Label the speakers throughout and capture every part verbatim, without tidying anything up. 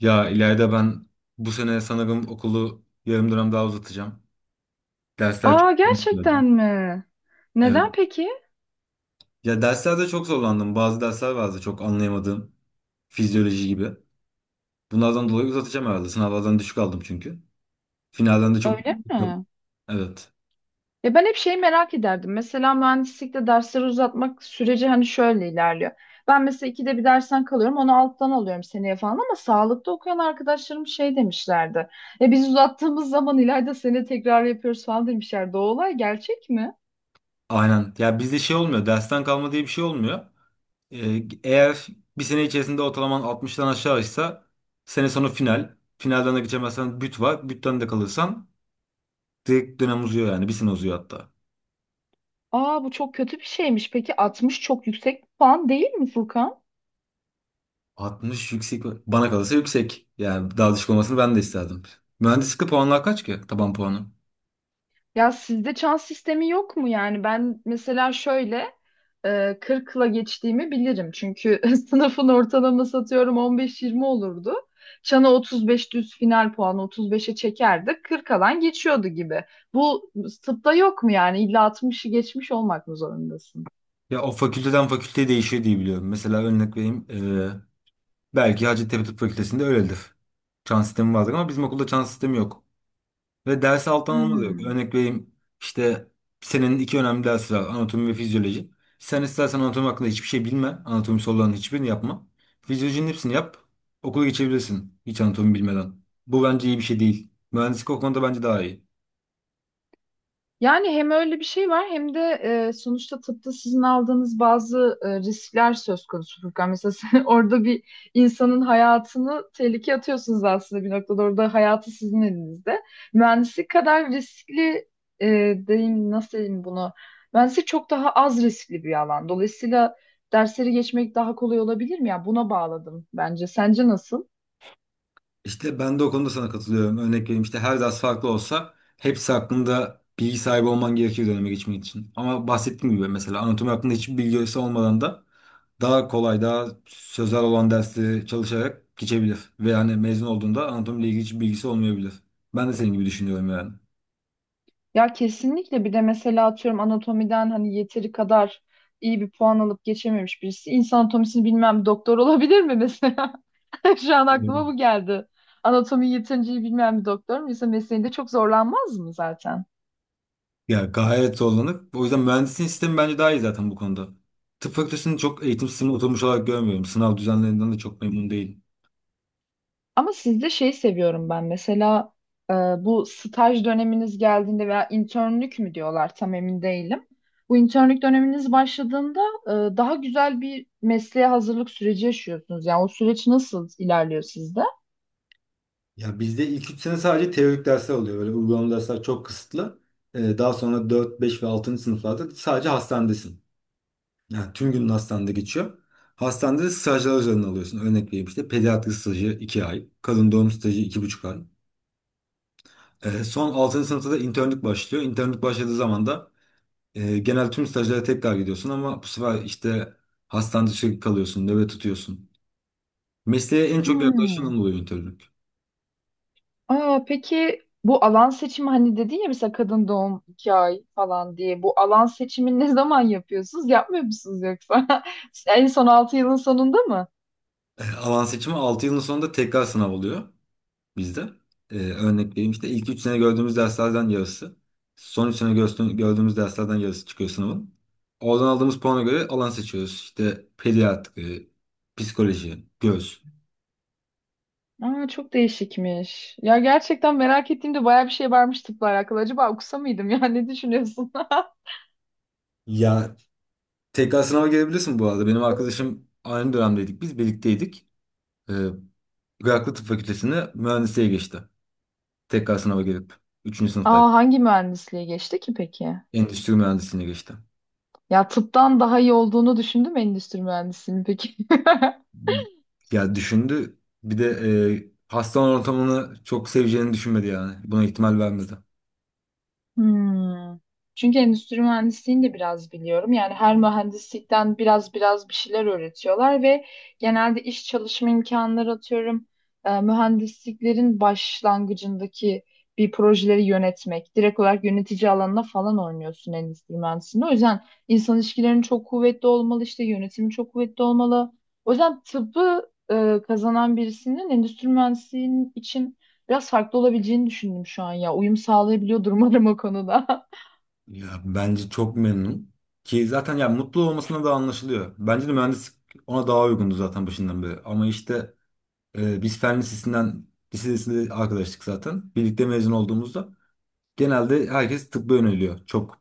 Speaker 1: Ya ileride ben bu sene sanırım okulu yarım dönem daha uzatacağım. Dersler çok
Speaker 2: Aa gerçekten
Speaker 1: zorlandı.
Speaker 2: mi?
Speaker 1: Evet.
Speaker 2: Neden peki?
Speaker 1: Ya derslerde çok zorlandım. Bazı dersler vardı çok anlayamadığım. Fizyoloji gibi. Bunlardan dolayı uzatacağım herhalde. Sınavlardan düşük aldım çünkü. Finalden de çok...
Speaker 2: Öyle
Speaker 1: Yok.
Speaker 2: mi?
Speaker 1: Evet.
Speaker 2: Ya ben hep şeyi merak ederdim. Mesela mühendislikte dersleri uzatmak süreci hani şöyle ilerliyor. Ben mesela ikide bir dersten kalıyorum, onu alttan alıyorum seneye falan ama sağlıkta okuyan arkadaşlarım şey demişlerdi. Ya biz uzattığımız zaman ileride sene tekrar yapıyoruz falan demişlerdi. O olay gerçek mi?
Speaker 1: Aynen. Ya bizde şey olmuyor. Dersten kalma diye bir şey olmuyor. Ee, eğer bir sene içerisinde ortalaman altmıştan aşağıysa sene sonu final. Finalden de geçemezsen büt var. Bütten de kalırsan direkt dönem uzuyor yani. Bir sene uzuyor hatta.
Speaker 2: Aa, bu çok kötü bir şeymiş. Peki altmış çok yüksek bir puan değil mi, Furkan?
Speaker 1: altmış yüksek mi? Bana kalırsa yüksek. Yani daha düşük olmasını ben de isterdim. Mühendislikte puanlar kaç ki? Taban puanı.
Speaker 2: Ya sizde çan sistemi yok mu yani? Ben mesela şöyle e, kırkla geçtiğimi bilirim. Çünkü sınıfın ortalaması atıyorum on beş yirmi olurdu. Çana otuz beş düz final puanı otuz beşe çekerdi. kırk alan geçiyordu gibi. Bu tıpta yok mu yani? İlla altmışı geçmiş olmak mı zorundasın?
Speaker 1: Ya o fakülteden fakülteye değişiyor diye biliyorum. Mesela örnek vereyim. eee, belki Hacettepe Tıp Fakültesi'nde öyledir. Çan sistemi vardır ama bizim okulda çan sistemi yok. Ve ders alttan alma da yok.
Speaker 2: Hmm.
Speaker 1: Örnek vereyim işte senin iki önemli dersi var. Anatomi ve fizyoloji. Sen istersen anatomi hakkında hiçbir şey bilme. Anatomi sorularının hiçbirini yapma. Fizyolojinin hepsini yap. Okula geçebilirsin hiç anatomi bilmeden. Bu bence iyi bir şey değil. Mühendislik o konuda bence daha iyi.
Speaker 2: Yani hem öyle bir şey var hem de e, sonuçta tıpta sizin aldığınız bazı e, riskler söz konusu, Furkan. Mesela sen orada bir insanın hayatını tehlikeye atıyorsunuz aslında bir noktada. Orada hayatı sizin elinizde. Mühendislik kadar riskli e, diyeyim, nasıl diyeyim bunu? Mühendislik çok daha az riskli bir alan. Dolayısıyla dersleri geçmek daha kolay olabilir mi? Ya buna bağladım bence. Sence nasıl?
Speaker 1: İşte ben de o konuda sana katılıyorum. Örnek vereyim işte her ders farklı olsa hepsi hakkında bilgi sahibi olman gerekir döneme geçmek için. Ama bahsettiğim gibi mesela anatomi hakkında hiçbir bilgisi olmadan da daha kolay, daha sözel olan dersleri çalışarak geçebilir. Ve yani mezun olduğunda anatomiyle ilgili hiçbir bilgisi olmayabilir. Ben de senin gibi düşünüyorum yani.
Speaker 2: Ya kesinlikle, bir de mesela atıyorum anatomiden hani yeteri kadar iyi bir puan alıp geçememiş birisi. İnsan anatomisini bilmem, doktor olabilir mi mesela? Şu an aklıma
Speaker 1: Hmm.
Speaker 2: bu geldi. Anatomiyi yeterince iyi bilmeyen bir doktor mu? Mesela mesleğinde çok zorlanmaz mı zaten?
Speaker 1: Ya gayet zorlanır. O yüzden mühendisliğin sistemi bence daha iyi zaten bu konuda. Tıp fakültesini çok eğitim sistemi oturmuş olarak görmüyorum. Sınav düzenlerinden de çok memnun değilim.
Speaker 2: Ama sizde şeyi seviyorum ben. Mesela e, bu staj döneminiz geldiğinde veya internlük mü diyorlar, tam emin değilim. Bu internlük döneminiz başladığında e, daha güzel bir mesleğe hazırlık süreci yaşıyorsunuz. Yani o süreç nasıl ilerliyor sizde?
Speaker 1: Ya bizde ilk üç sene sadece teorik dersler oluyor. Böyle uygulamalı dersler çok kısıtlı. Ee, daha sonra dört, beş ve altıncı sınıflarda sadece hastanedesin. Yani tüm günün hastanede geçiyor. Hastanede de stajlar üzerine alıyorsun. Örnek vereyim işte pediatri stajı iki ay. Kadın doğum stajı iki buçuk ay. Ee, son altıncı sınıfta da internlik başlıyor. İnternlik başladığı zaman da e, genel tüm stajlara tekrar gidiyorsun. Ama bu sefer işte hastanede sürekli kalıyorsun. Nöbet tutuyorsun. Mesleğe en çok yaklaşan
Speaker 2: Hmm.
Speaker 1: oluyor internlik.
Speaker 2: Aa, peki bu alan seçimi, hani dedin ya mesela kadın doğum iki ay falan diye, bu alan seçimini ne zaman yapıyorsunuz? Yapmıyor musunuz yoksa? En son altı yılın sonunda mı?
Speaker 1: Ee, alan seçimi altı yılın sonunda tekrar sınav oluyor bizde. Ee, örnek vereyim işte ilk üç sene gördüğümüz derslerden yarısı. Son üç sene gördüğümüz, gördüğümüz derslerden yarısı çıkıyor sınavın. Oradan aldığımız puana göre alan seçiyoruz. İşte pediatri, psikoloji, göz.
Speaker 2: Aa, çok değişikmiş. Ya gerçekten merak ettiğimde bayağı bir şey varmış tıpla alakalı. Acaba okusa mıydım ya, ne düşünüyorsun?
Speaker 1: Ya tekrar sınava girebilirsin bu arada. Benim arkadaşım aynı dönemdeydik. Biz birlikteydik. Ee, Iraklı Tıp Fakültesi'ne mühendisliğe geçti. Tekrar sınava girip üçüncü sınıftayken.
Speaker 2: Aa, hangi mühendisliğe geçti ki peki?
Speaker 1: Endüstri mühendisliğine geçti.
Speaker 2: Ya tıptan daha iyi olduğunu düşündüm endüstri mühendisliğini peki.
Speaker 1: Ya düşündü. Bir de e, hastane ortamını çok seveceğini düşünmedi yani. Buna ihtimal vermedi.
Speaker 2: Hmm. Çünkü endüstri mühendisliğini de biraz biliyorum. Yani her mühendislikten biraz biraz bir şeyler öğretiyorlar ve genelde iş çalışma imkanları atıyorum. E, mühendisliklerin başlangıcındaki bir projeleri yönetmek, direkt olarak yönetici alanına falan oynuyorsun endüstri mühendisliğinde. O yüzden insan ilişkilerinin çok kuvvetli olmalı, işte yönetimi çok kuvvetli olmalı. O yüzden tıbbı e, kazanan birisinin endüstri mühendisliğinin için biraz farklı olabileceğini düşündüm şu an ya. Uyum sağlayabiliyordur umarım o konuda.
Speaker 1: Ya bence çok memnun. Ki zaten ya mutlu olmasına da anlaşılıyor. Bence de mühendislik ona daha uygundu zaten başından beri. Ama işte e, biz fen lisesinden lisesinde arkadaştık zaten. Birlikte mezun olduğumuzda genelde herkes tıbba yöneliyor. Çok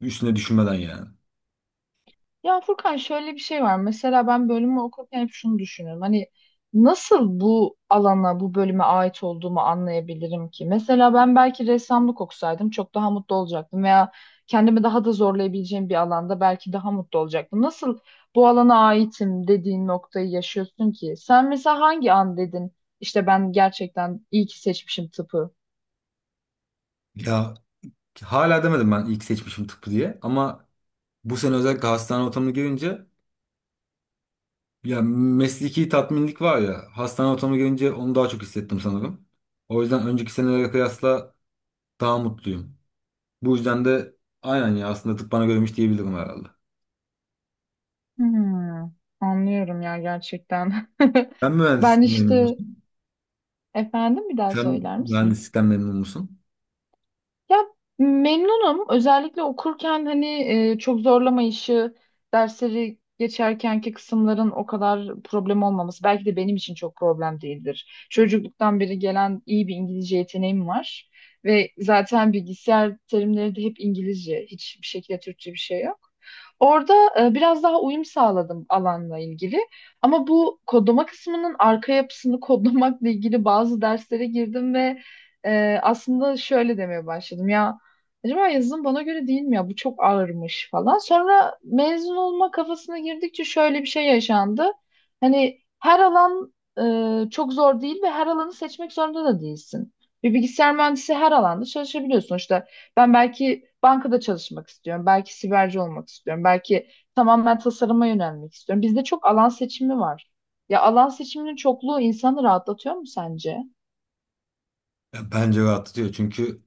Speaker 1: üstüne düşünmeden yani.
Speaker 2: Ya Furkan, şöyle bir şey var. Mesela ben bölümü okurken hep şunu düşünüyorum. Hani nasıl bu alana, bu bölüme ait olduğumu anlayabilirim ki? Mesela ben belki ressamlık okusaydım çok daha mutlu olacaktım veya kendimi daha da zorlayabileceğim bir alanda belki daha mutlu olacaktım. Nasıl bu alana aitim dediğin noktayı yaşıyorsun ki? Sen mesela hangi an dedin, işte ben gerçekten iyi ki seçmişim tıpı?
Speaker 1: Ya hala demedim ben ilk seçmişim tıpı diye ama bu sene özellikle hastane ortamını görünce ya mesleki tatminlik var ya hastane ortamını görünce onu daha çok hissettim sanırım. O yüzden önceki senelere kıyasla daha mutluyum. Bu yüzden de aynen ya aslında tıp bana görmüş diyebilirim herhalde.
Speaker 2: Hmm, anlıyorum ya gerçekten.
Speaker 1: Sen
Speaker 2: Ben
Speaker 1: mühendislikten memnun
Speaker 2: işte,
Speaker 1: musun?
Speaker 2: efendim, bir daha
Speaker 1: Sen
Speaker 2: söyler misin?
Speaker 1: mühendislikten memnun musun?
Speaker 2: Ya memnunum. Özellikle okurken hani e, çok zorlamayışı, dersleri geçerkenki kısımların o kadar problem olmaması. Belki de benim için çok problem değildir. Çocukluktan beri gelen iyi bir İngilizce yeteneğim var. Ve zaten bilgisayar terimleri de hep İngilizce. Hiçbir şekilde Türkçe bir şey yok. Orada e, biraz daha uyum sağladım alanla ilgili. Ama bu kodlama kısmının arka yapısını kodlamakla ilgili bazı derslere girdim ve ee, aslında şöyle demeye başladım ya, acaba yazılım bana göre değil mi ya, bu çok ağırmış falan. Sonra mezun olma kafasına girdikçe şöyle bir şey yaşandı. Hani her alan e, çok zor değil ve her alanı seçmek zorunda da değilsin. Bir bilgisayar mühendisi her alanda çalışabiliyor sonuçta. Ben belki bankada çalışmak istiyorum, belki siberci olmak istiyorum, belki tamamen tasarıma yönelmek istiyorum. Bizde çok alan seçimi var. Ya alan seçiminin çokluğu insanı rahatlatıyor mu sence?
Speaker 1: Ya bence rahatlatıyor çünkü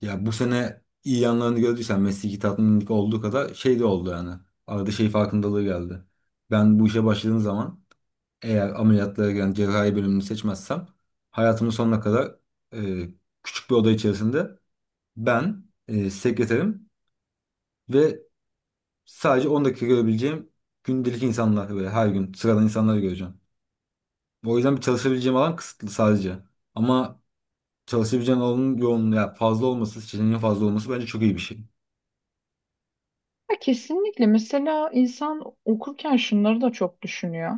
Speaker 1: ya bu sene iyi yanlarını gördüysen mesleki tatminlik olduğu kadar şey de oldu yani. Arada şey farkındalığı geldi. Ben bu işe başladığım zaman eğer ameliyatlara giren cerrahi bölümünü seçmezsem hayatımın sonuna kadar e, küçük bir oda içerisinde ben e, sekreterim ve sadece on dakika görebileceğim gündelik insanlar böyle her gün sıradan insanları göreceğim. O yüzden bir çalışabileceğim alan kısıtlı sadece. Ama çalışabileceğim alanın yoğunluğu ya fazla olması, seçeneğin fazla olması bence çok iyi bir şey.
Speaker 2: Ya kesinlikle. Mesela insan okurken şunları da çok düşünüyor.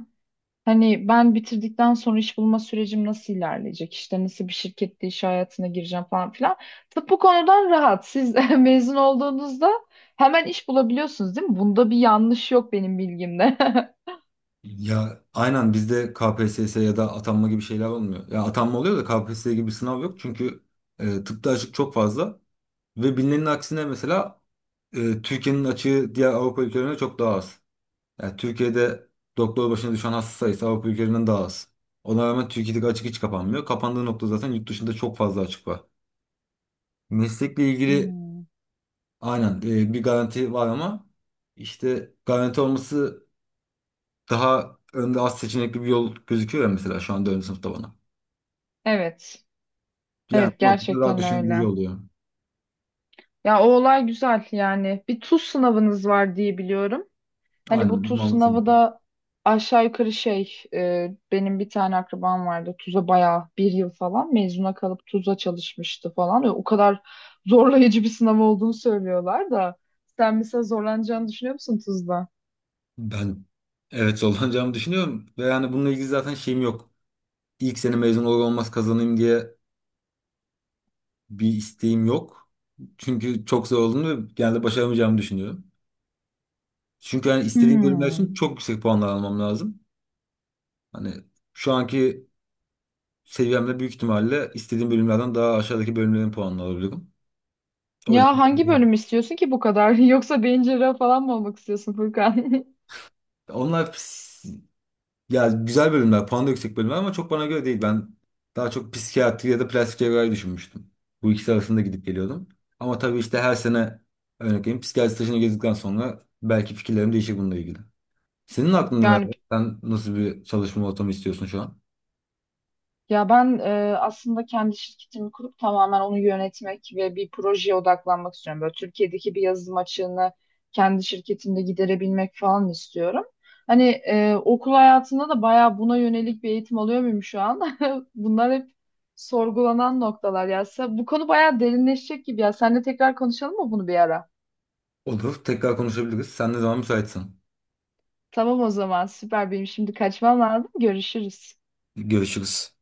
Speaker 2: Hani ben bitirdikten sonra iş bulma sürecim nasıl ilerleyecek? İşte nasıl bir şirkette iş hayatına gireceğim falan filan. Tıp bu konudan rahat. Siz mezun olduğunuzda hemen iş bulabiliyorsunuz değil mi? Bunda bir yanlış yok benim bilgimde.
Speaker 1: Ya aynen bizde K P S S ya da atanma gibi şeyler olmuyor. Ya atanma oluyor da K P S S gibi bir sınav yok çünkü e, tıpta açık çok fazla. Ve bilinenin aksine mesela e, Türkiye'nin açığı diğer Avrupa ülkelerine çok daha az. Yani Türkiye'de doktor başına düşen hasta sayısı Avrupa ülkelerinden daha az. Ona rağmen Türkiye'deki açık hiç kapanmıyor. Kapandığı nokta zaten yurt dışında çok fazla açık var. Meslekle ilgili
Speaker 2: Hmm.
Speaker 1: aynen e, bir garanti var ama işte garanti olması daha önde az seçenekli bir yol gözüküyor ya mesela şu an dördüncü sınıfta bana.
Speaker 2: Evet.
Speaker 1: Yani
Speaker 2: Evet,
Speaker 1: bu noktada daha
Speaker 2: gerçekten
Speaker 1: düşündürücü
Speaker 2: öyle.
Speaker 1: oluyor.
Speaker 2: Ya o olay güzel yani. Bir tuz sınavınız var diye biliyorum. Hani bu
Speaker 1: Aynen.
Speaker 2: tuz
Speaker 1: Mantıklı.
Speaker 2: sınavı da aşağı yukarı şey, e, benim bir tane akrabam vardı, tuza bayağı bir yıl falan mezuna kalıp tuza çalışmıştı falan. O kadar zorlayıcı bir sınav olduğunu söylüyorlar da sen mesela zorlanacağını düşünüyor musun tuzda?
Speaker 1: Ben evet zorlanacağımı düşünüyorum ve yani bununla ilgili zaten şeyim yok. İlk sene mezun olur olmaz kazanayım diye bir isteğim yok. Çünkü çok zor olduğunu ve genelde başaramayacağımı düşünüyorum. Çünkü yani istediğim bölümler
Speaker 2: Hmm.
Speaker 1: için çok yüksek puanlar almam lazım. Hani şu anki seviyemde büyük ihtimalle istediğim bölümlerden daha aşağıdaki bölümlerin puanını alabilirim. O
Speaker 2: Ya
Speaker 1: yüzden
Speaker 2: hangi bölüm istiyorsun ki bu kadar? Yoksa beyin cerrahı falan mı olmak istiyorsun, Furkan?
Speaker 1: onlar ya güzel bölümler, puan da yüksek bölümler ama çok bana göre değil. Ben daha çok psikiyatri ya da plastik cerrahi düşünmüştüm. Bu ikisi arasında gidip geliyordum. Ama tabii işte her sene örnek vereyim psikiyatri stajını gezdikten sonra belki fikirlerim değişir bununla ilgili. Senin aklında neler
Speaker 2: Yani,
Speaker 1: var? Sen nasıl bir çalışma ortamı istiyorsun şu an?
Speaker 2: ya ben, e, aslında kendi şirketimi kurup tamamen onu yönetmek ve bir projeye odaklanmak istiyorum. Böyle Türkiye'deki bir yazılım açığını kendi şirketimde giderebilmek falan istiyorum. Hani e, okul hayatında da bayağı buna yönelik bir eğitim alıyor muyum şu an? Bunlar hep sorgulanan noktalar ya. Sen- Bu konu bayağı derinleşecek gibi ya. Seninle tekrar konuşalım mı bunu bir ara?
Speaker 1: Olur, tekrar konuşabiliriz. Sen ne zaman müsaitsen.
Speaker 2: Tamam, o zaman süper, benim şimdi kaçmam lazım. Görüşürüz.
Speaker 1: Görüşürüz.